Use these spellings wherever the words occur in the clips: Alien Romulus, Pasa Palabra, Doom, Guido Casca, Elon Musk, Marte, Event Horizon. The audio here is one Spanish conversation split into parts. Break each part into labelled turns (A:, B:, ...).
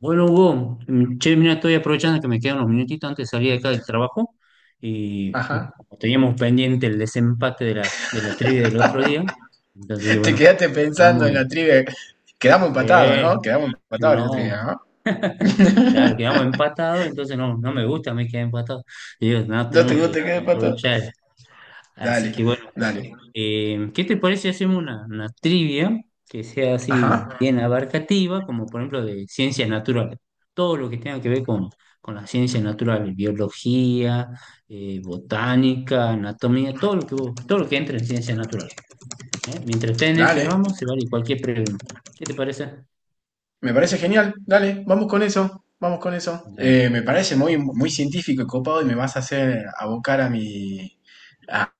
A: Bueno, Hugo, che, mira, estoy aprovechando que me quedan unos minutitos antes de salir de acá del trabajo y
B: Ajá.
A: como teníamos pendiente el desempate de la trivia del otro día, entonces dije,
B: Te
A: bueno,
B: quedaste pensando
A: vamos
B: en la
A: y,
B: trivia. Quedamos empatados,
A: che,
B: ¿no? Quedamos empatados en la trivia,
A: no,
B: ¿no?
A: claro, quedamos empatados. Entonces no, no me gusta a mí quedar empatados. Digo, no,
B: No te,
A: tenemos
B: no
A: que,
B: te quedes
A: que
B: empatado.
A: aprovechar. Así que
B: Dale,
A: bueno,
B: dale.
A: ¿Qué te parece si hacemos una trivia que sea así
B: Ajá,
A: bien abarcativa, como por ejemplo de ciencias naturales? Todo lo que tenga que ver con las ciencias naturales, biología, botánica, anatomía, todo lo que entre en ciencias naturales. ¿Eh? Mientras esté en ese
B: dale.
A: ramo, se vale cualquier pregunta. ¿Qué te parece?
B: Me parece genial. Dale, vamos con eso. Vamos con eso.
A: Dale,
B: Me parece muy, muy científico y copado y me vas a hacer abocar a mi,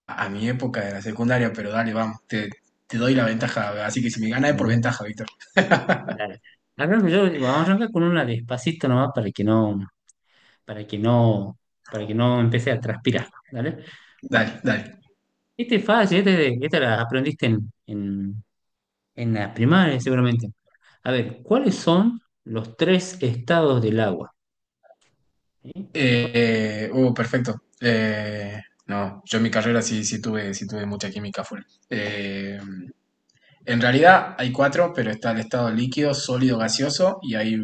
B: a mi época de la secundaria, pero dale, vamos. Te doy la ventaja. Así que si me ganas es por
A: bueno,
B: ventaja, Víctor.
A: dale. Arranco yo, vamos a arrancar con una despacito nomás para que no, para que no empecé a transpirar, ¿vale?
B: Dale,
A: Bueno.
B: dale.
A: Este es fácil, esta la aprendiste en la primaria seguramente. A ver, ¿cuáles son los tres estados del agua? ¿Sí? ¿Te acuerdas?
B: Oh, perfecto. No, yo en mi carrera sí, sí tuve mucha química full. Eh, en realidad hay cuatro, pero está el estado líquido, sólido, gaseoso y hay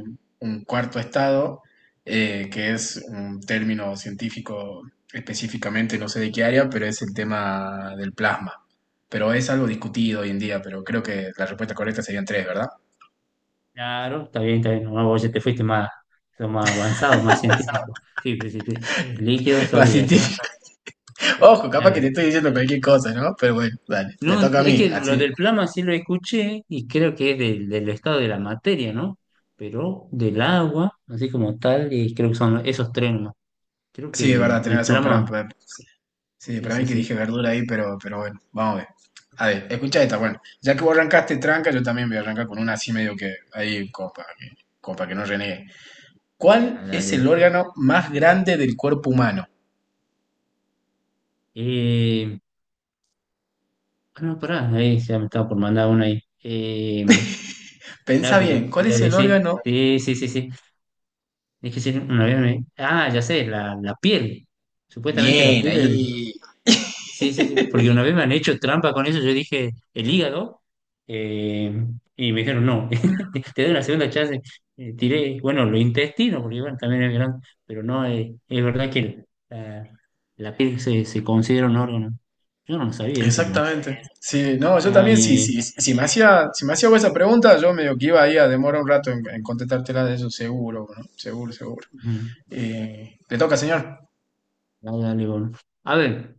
B: un cuarto estado, que es un término científico específicamente, no sé de qué área, pero es el tema del plasma. Pero es algo discutido hoy en día, pero creo que la respuesta correcta serían tres, ¿verdad?
A: Claro, está bien, está bien. No, vos ya te fuiste más, sos más avanzado, más científico. Sí, sí, sí, sí. Líquido,
B: Más
A: sólido y gaseoso.
B: científico. Ojo, capaz que te
A: Claro.
B: estoy diciendo cualquier cosa, ¿no? Pero bueno, dale, me
A: No,
B: toca a
A: es
B: mí,
A: que lo
B: así.
A: del plasma sí lo escuché y creo que es del estado de la materia, ¿no? Pero del agua, así como tal, y creo que son esos tres nomás. Creo que
B: Sí, es verdad,
A: el,
B: tenés
A: el
B: razón,
A: plasma,
B: sí,
A: sí,
B: para
A: sí,
B: mí que
A: sí.
B: dije verdura ahí, pero bueno, vamos a ver. A ver, escucha esta, bueno, ya que vos arrancaste tranca, yo también voy a arrancar con una así medio que ahí, como para que no renegue. ¿Cuál es el órgano más grande del cuerpo humano?
A: Eh, ah, no, pará, ahí ya me estaba por mandar una ahí. Claro,
B: Pensa
A: porque
B: bien,
A: te
B: ¿cuál
A: iba a
B: es el
A: decir,
B: órgano?
A: sí, sí, sí, sí. Es que sí, una vez me... Ah, ya sé, la piel. Supuestamente la
B: Bien,
A: piel, el...
B: ahí.
A: Sí, sí, sí, porque una vez me han hecho trampa con eso, yo dije el hígado, eh, y me dijeron no, te doy una segunda chance. Tiré, bueno, los intestinos, porque bueno, también es grande, pero no, es verdad que la piel se considera un órgano. Yo no lo sabía eso, pero...
B: Exactamente. Sí, no, yo
A: Ah,
B: también,
A: bien,
B: sí, sí,
A: bien.
B: si me hacía vos esa pregunta, yo medio que iba ahí a demorar un rato en contestártela de eso, seguro, ¿no? Seguro, seguro.
A: Mm,
B: ¿Le toca, señor?
A: dale, dale, bueno. A ver,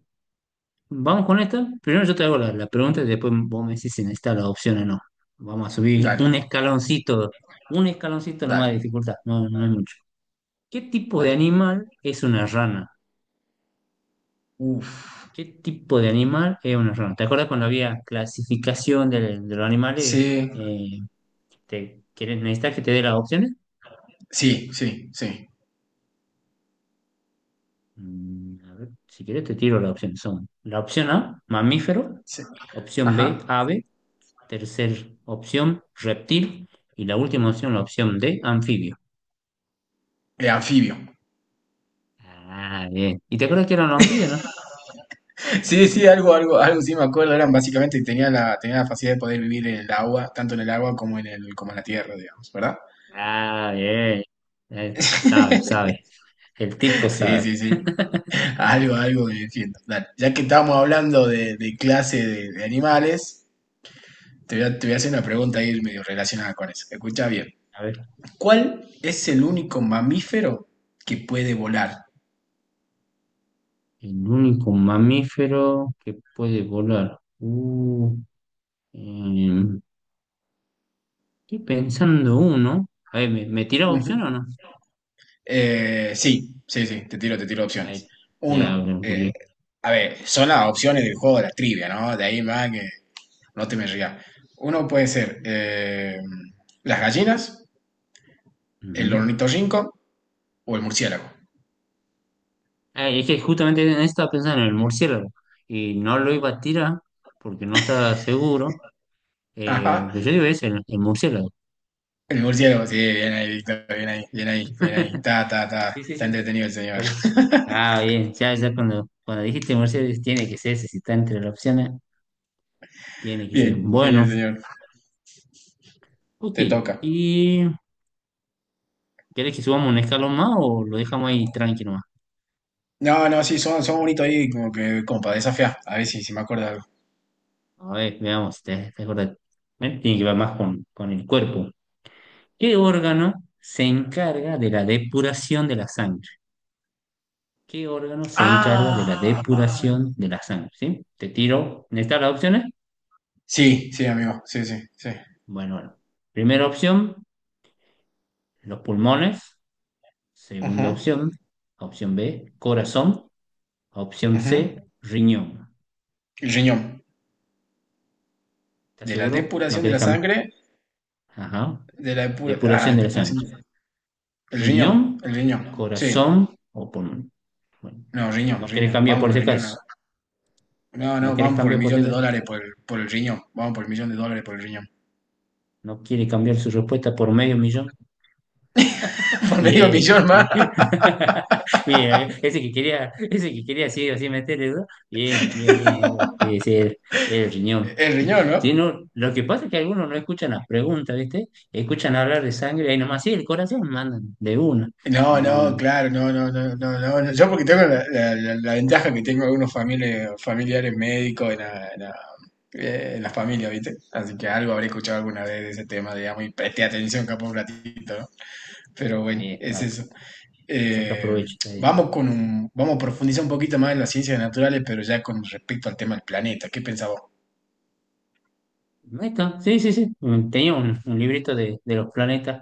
A: vamos con esta. Primero yo te hago la pregunta y después vos me decís si necesitas la opción o no. Vamos a subir
B: Dale,
A: un escaloncito nomás de
B: dale.
A: dificultad, no, no es mucho. ¿Qué tipo de
B: Dale.
A: animal es una rana?
B: Uf.
A: ¿Qué tipo de animal es una rana? ¿Te acuerdas cuando había clasificación de los animales?
B: Sí,
A: Eh, ¿Quieres, necesitas que te dé las opciones?
B: sí, sí, sí,
A: A ver, si quieres te tiro las opciones. Son la opción A, mamífero,
B: sí.
A: opción B,
B: Ajá.
A: ave. Tercer opción, reptil. Y la última opción, la opción D, anfibio.
B: Anfibio.
A: Ah, bien. ¿Y te acuerdas que eran los anfibios, no?
B: Sí, sí, algo, algo, algo sí me acuerdo. Eran básicamente tenía la facilidad de poder vivir en el agua, tanto en el agua como en la tierra, digamos, ¿verdad?
A: Ah, bien. Sabe, sabe. El tipo
B: Sí,
A: sabe.
B: sí, sí. Algo, algo me defiendo. Dale. Ya que estábamos hablando de clase de animales, te voy a hacer una pregunta ahí medio relacionada con eso. Escucha bien.
A: A ver,
B: ¿Cuál es el único mamífero que puede volar?
A: el único mamífero que puede volar. Em, estoy pensando uno. A ver, ¿me tirás opción o no?
B: Sí, sí, sí, te tiro
A: A
B: opciones.
A: ver, ya ahora
B: Uno,
A: me ocurrió.
B: a ver, son las opciones del juego de la trivia, ¿no? De ahí más que no te me rías. Uno puede ser las gallinas, el
A: Ujú.
B: ornitorrinco o el murciélago.
A: Ah, es que justamente en esto estaba pensando en el murciélago. Y no lo iba a tirar porque no estaba seguro.
B: Ajá,
A: Pero yo digo eso el murciélago.
B: el murciélago, sí, bien ahí, Víctor, bien ahí, bien ahí, bien ahí. Ta, ta, ta,
A: Sí, sí,
B: está
A: sí.
B: entretenido el señor.
A: Por- ah, bien, ya, ya cuando dijiste murciélago, dije, tiene que ser ese, si está entre las opciones, tiene que ser.
B: Bien, genial,
A: Bueno,
B: señor.
A: ok.
B: Te toca.
A: ¿Y querés que subamos un escalón más o lo dejamos ahí tranquilo más?
B: No, no, sí, son bonitos ahí, como que, como para desafiar. A ver si me acuerdo de algo.
A: A ver, veamos, te acordás. Tiene que ver más con el cuerpo. ¿Qué órgano se encarga de la depuración de la sangre? ¿Qué órgano se encarga de la
B: ¡Ah!
A: depuración de la sangre? ¿Sí? Te tiro, ¿necesitas las opciones?
B: Sí, sí, amigo, sí, sí, sí.
A: Bueno, bueno. Primera opción, los pulmones. Segunda
B: Ajá,
A: opción, opción B, corazón. Opción
B: ajá.
A: C, riñón.
B: El riñón.
A: ¿Estás
B: De la
A: seguro? ¿No
B: depuración de
A: querés
B: la
A: cambiar?
B: sangre,
A: Ajá. Depuración
B: Ay,
A: de
B: me
A: la
B: está
A: sangre.
B: haciendo...
A: Riñón,
B: el riñón,
A: corazón
B: sí.
A: o pulmón. Bueno,
B: No, riñón,
A: no querés
B: riñón.
A: cambiar
B: Vamos
A: por
B: con el
A: ese
B: riñón
A: caso.
B: ahora. No,
A: No
B: no,
A: querés
B: vamos por el
A: cambiar por
B: millón
A: ese
B: de
A: caso.
B: dólares por el riñón. Vamos por el millón de dólares por el riñón.
A: No quiere cambiar su respuesta por medio millón.
B: Por medio
A: Bien,
B: millón más.
A: bien. Bien, ese que quería así, así meterle, ¿no? Bien, bien, bien, Hugo. Sí, sí, el riñón.
B: El riñón, ¿no?
A: Sí, no, lo que pasa es que algunos no escuchan las preguntas, ¿viste? Escuchan hablar de sangre y ahí nomás, sí, el corazón mandan de una. Y
B: No, no,
A: no,
B: claro, no, no, no, no, no, no. Yo porque tengo la ventaja que tengo algunos familiares médicos en en la familia, ¿viste? Así que algo habré escuchado alguna vez de ese tema, digamos, y presté atención capaz un ratito, ¿no? Pero bueno,
A: ahí
B: es
A: está,
B: eso.
A: saca
B: Eh,
A: provecho. Está bien.
B: Vamos a profundizar un poquito más en las ciencias naturales, pero ya con respecto al tema del planeta. ¿Qué pensás vos?
A: Ahí está, sí, sí, sí. Tenía un librito, de los planetas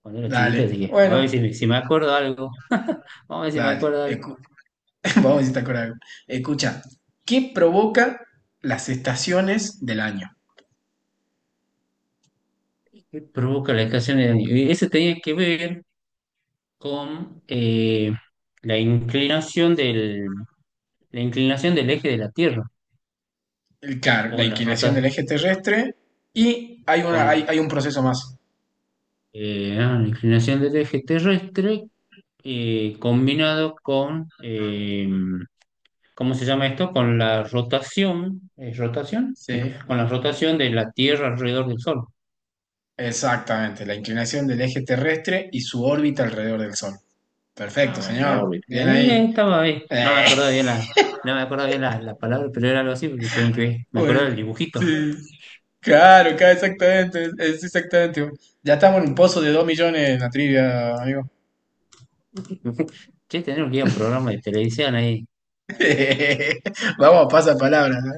A: cuando era chiquita, así
B: Dale,
A: que a ver si,
B: bueno,
A: si me acuerdo algo. Vamos a ver si me
B: dale.
A: acuerdo algo.
B: Vamos a ver si te acordás de algo. Escucha, ¿qué provoca las estaciones del año?
A: ¿Qué provoca la estación de daño? Y eso tenía que ver con la inclinación la inclinación del eje de la Tierra,
B: Claro, la
A: con las
B: inclinación del
A: rotas,
B: eje terrestre y hay un proceso más.
A: ah, la inclinación del eje terrestre, combinado con, ¿cómo se llama esto? Con la rotación, ¿es rotación?
B: Sí,
A: Sí, con la rotación de la Tierra alrededor del Sol.
B: exactamente, la inclinación del eje terrestre y su órbita alrededor del Sol.
A: Ah,
B: Perfecto,
A: bueno, la
B: señor.
A: órbita.
B: Bien ahí.
A: Estaba bien,
B: Eh,
A: no me acordaba bien la, no me acordaba bien la palabra, pero era algo así porque tienen que ver, me acordaba
B: bueno,
A: del dibujito.
B: sí, claro, claro, exactamente, es exactamente. Ya estamos en un pozo de 2 millones en la trivia, amigo.
A: Che, tenemos que ir a un programa de televisión ahí,
B: Vamos a pasar palabras, ¿no?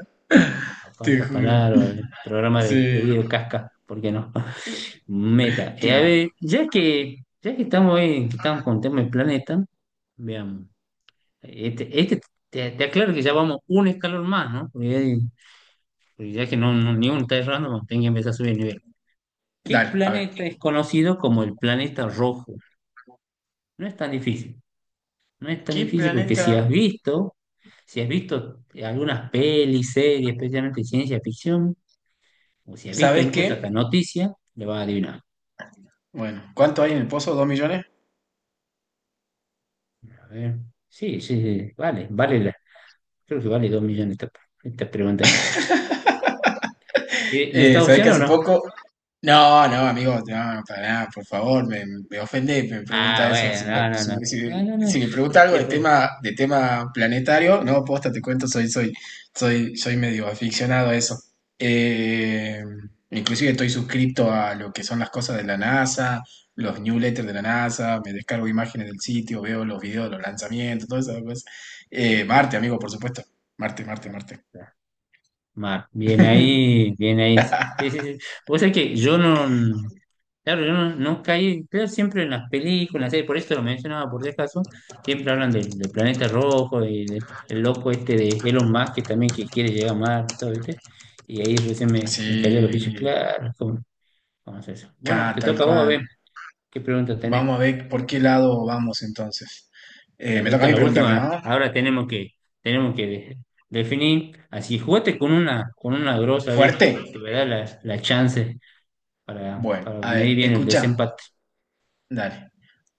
A: a
B: Te
A: Pasa
B: juro.
A: Palabra, al programa de
B: Sí.
A: Guido Casca. ¿Por qué no? Meta.
B: ¿Qué
A: A
B: va?
A: ver, ya que estamos ahí, que estamos con el tema del planeta, veamos. Este te aclaro que ya vamos un escalón más, ¿no? Porque ya que ni uno está errando, vamos, tienen que empezar a subir el nivel. ¿Qué
B: Dale, a ver.
A: planeta es conocido como el planeta rojo? No es tan difícil. No es tan
B: ¿Qué
A: difícil porque
B: planeta?
A: si has visto algunas pelis, series, especialmente de ciencia ficción, o si has visto
B: ¿Sabes
A: incluso
B: qué?
A: hasta noticias, le vas a adivinar.
B: Bueno, ¿cuánto hay en el pozo? ¿Dos millones?
A: A ver. Sí, sí, sí, vale, vale, creo que vale 2 millones esta pregunta, ¿no?
B: Eh,
A: ¿Necesitas
B: ¿sabes
A: opción
B: que
A: o
B: hace
A: no?
B: poco? No, no, amigo, no, para nada, por favor, me ofende, me
A: Ah,
B: pregunta eso.
A: bueno,
B: Si me,
A: no, no, no.
B: si-
A: No,
B: si-
A: no, no.
B: si me pregunta algo
A: Sí,
B: de
A: fue-
B: tema, de tema planetario, no, posta, te cuento, soy medio aficionado a eso. Eh, inclusive estoy suscrito a lo que son las cosas de la NASA, los newsletters de la NASA, me descargo imágenes del sitio, veo los videos de los lanzamientos, todas esas cosas. Marte, amigo, por supuesto. Marte, Marte, Marte.
A: mar, bien ahí, bien ahí. Sí, sí, sí. Vos sabés que yo no. Claro, yo no caí, claro, siempre en las películas, las series, por eso lo mencionaba por si acaso, siempre hablan del planeta rojo y del el loco este de Elon Musk que también que quiere llegar a Marte, todo, ¿viste? Y ahí recién me cayó los bichos,
B: Sí,
A: claro, ¿cómo, cómo es eso? Bueno,
B: acá,
A: te
B: tal
A: toca a vos, a ver,
B: cual.
A: ¿qué pregunta
B: Vamos
A: tenés?
B: a ver por qué lado vamos entonces. Me
A: Dale,
B: toca
A: esta
B: a
A: es
B: mí
A: la
B: preguntarte,
A: última,
B: ¿no?
A: ahora tenemos que definir, así, jugate con una grosa, vez
B: ¿Fuerte?
A: te va a dar la chance
B: Bueno,
A: para
B: a
A: medir
B: ver,
A: bien el
B: escucha,
A: desempate.
B: dale.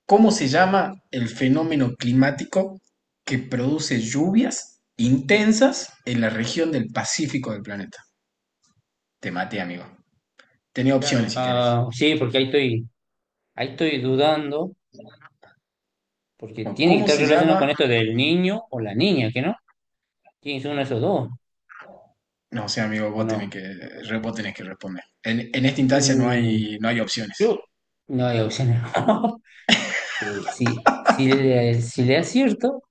B: ¿Cómo se llama el fenómeno climático que produce lluvias intensas en la región del Pacífico del planeta? Te maté, amigo. Tenía
A: Claro,
B: opciones si querés.
A: ah, sí, porque ahí estoy dudando, porque
B: Bueno,
A: tiene que
B: ¿cómo
A: estar
B: se
A: relacionado
B: llama?
A: con esto del niño o la niña, ¿que no? Tiene que ser uno de esos dos,
B: No, o sea, amigo,
A: ¿o
B: vos tenés
A: no?
B: que, vos tenés que responder. En esta instancia no
A: Uh,
B: hay, no hay opciones.
A: yo. No hay opciones. Pero si le acierto,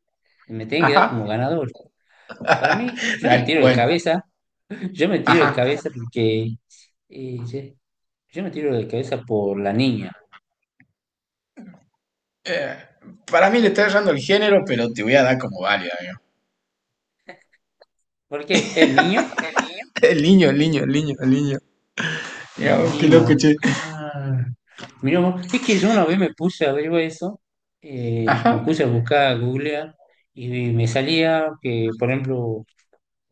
A: me tiene que dar como
B: Ajá.
A: ganador. Para mí, yo me
B: Dale,
A: tiro de
B: bueno,
A: cabeza, yo me tiro de
B: ajá.
A: cabeza porque eh, yo, yo me tiro de cabeza por la niña.
B: Eh, para mí le está errando el género, pero te voy a dar como válida, amigo.
A: ¿Por qué? El niño.
B: El niño, el niño, el niño, el niño. Mira,
A: El
B: oh, qué
A: niño.
B: loco, che.
A: Ah, mira vos, es que yo una vez me puse a ver eso,
B: Ajá.
A: me puse a buscar, a googlear, y me salía que, por ejemplo,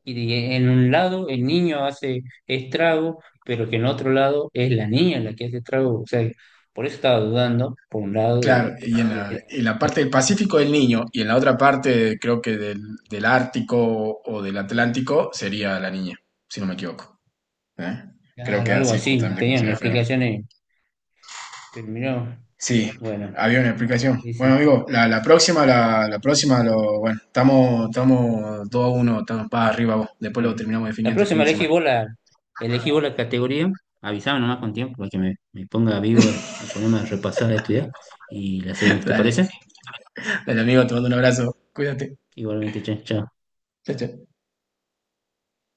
A: y en un lado el niño hace estrago, pero que en otro lado es la niña la que hace estrago. O sea, por eso estaba dudando, por un lado,
B: Claro,
A: de
B: y en
A: si
B: la,
A: era
B: en la parte
A: niño
B: del
A: o niña.
B: Pacífico del Niño y en la otra parte, creo que del Ártico o del Atlántico, sería la niña, si no me equivoco. ¿Eh? Creo
A: Claro,
B: que
A: algo
B: así
A: así,
B: justamente como se
A: tenían
B: refieren.
A: explicaciones, pero mirá, vos,
B: Sí,
A: bueno,
B: había una explicación. Bueno,
A: dice.
B: amigo, la próxima, bueno, estamos 2-1, estamos para arriba vos. Después lo
A: Bien.
B: terminamos
A: La
B: definiendo el fin
A: próxima
B: de semana.
A: elegí vos la categoría, avísame nomás con tiempo para que me ponga vivo de ponerme a repasar, a estudiar y la seguimos, ¿te
B: Dale.
A: parece?
B: Dale, amigo, te mando un abrazo. Cuídate.
A: Igualmente, chao. Chao.
B: Chao, chao.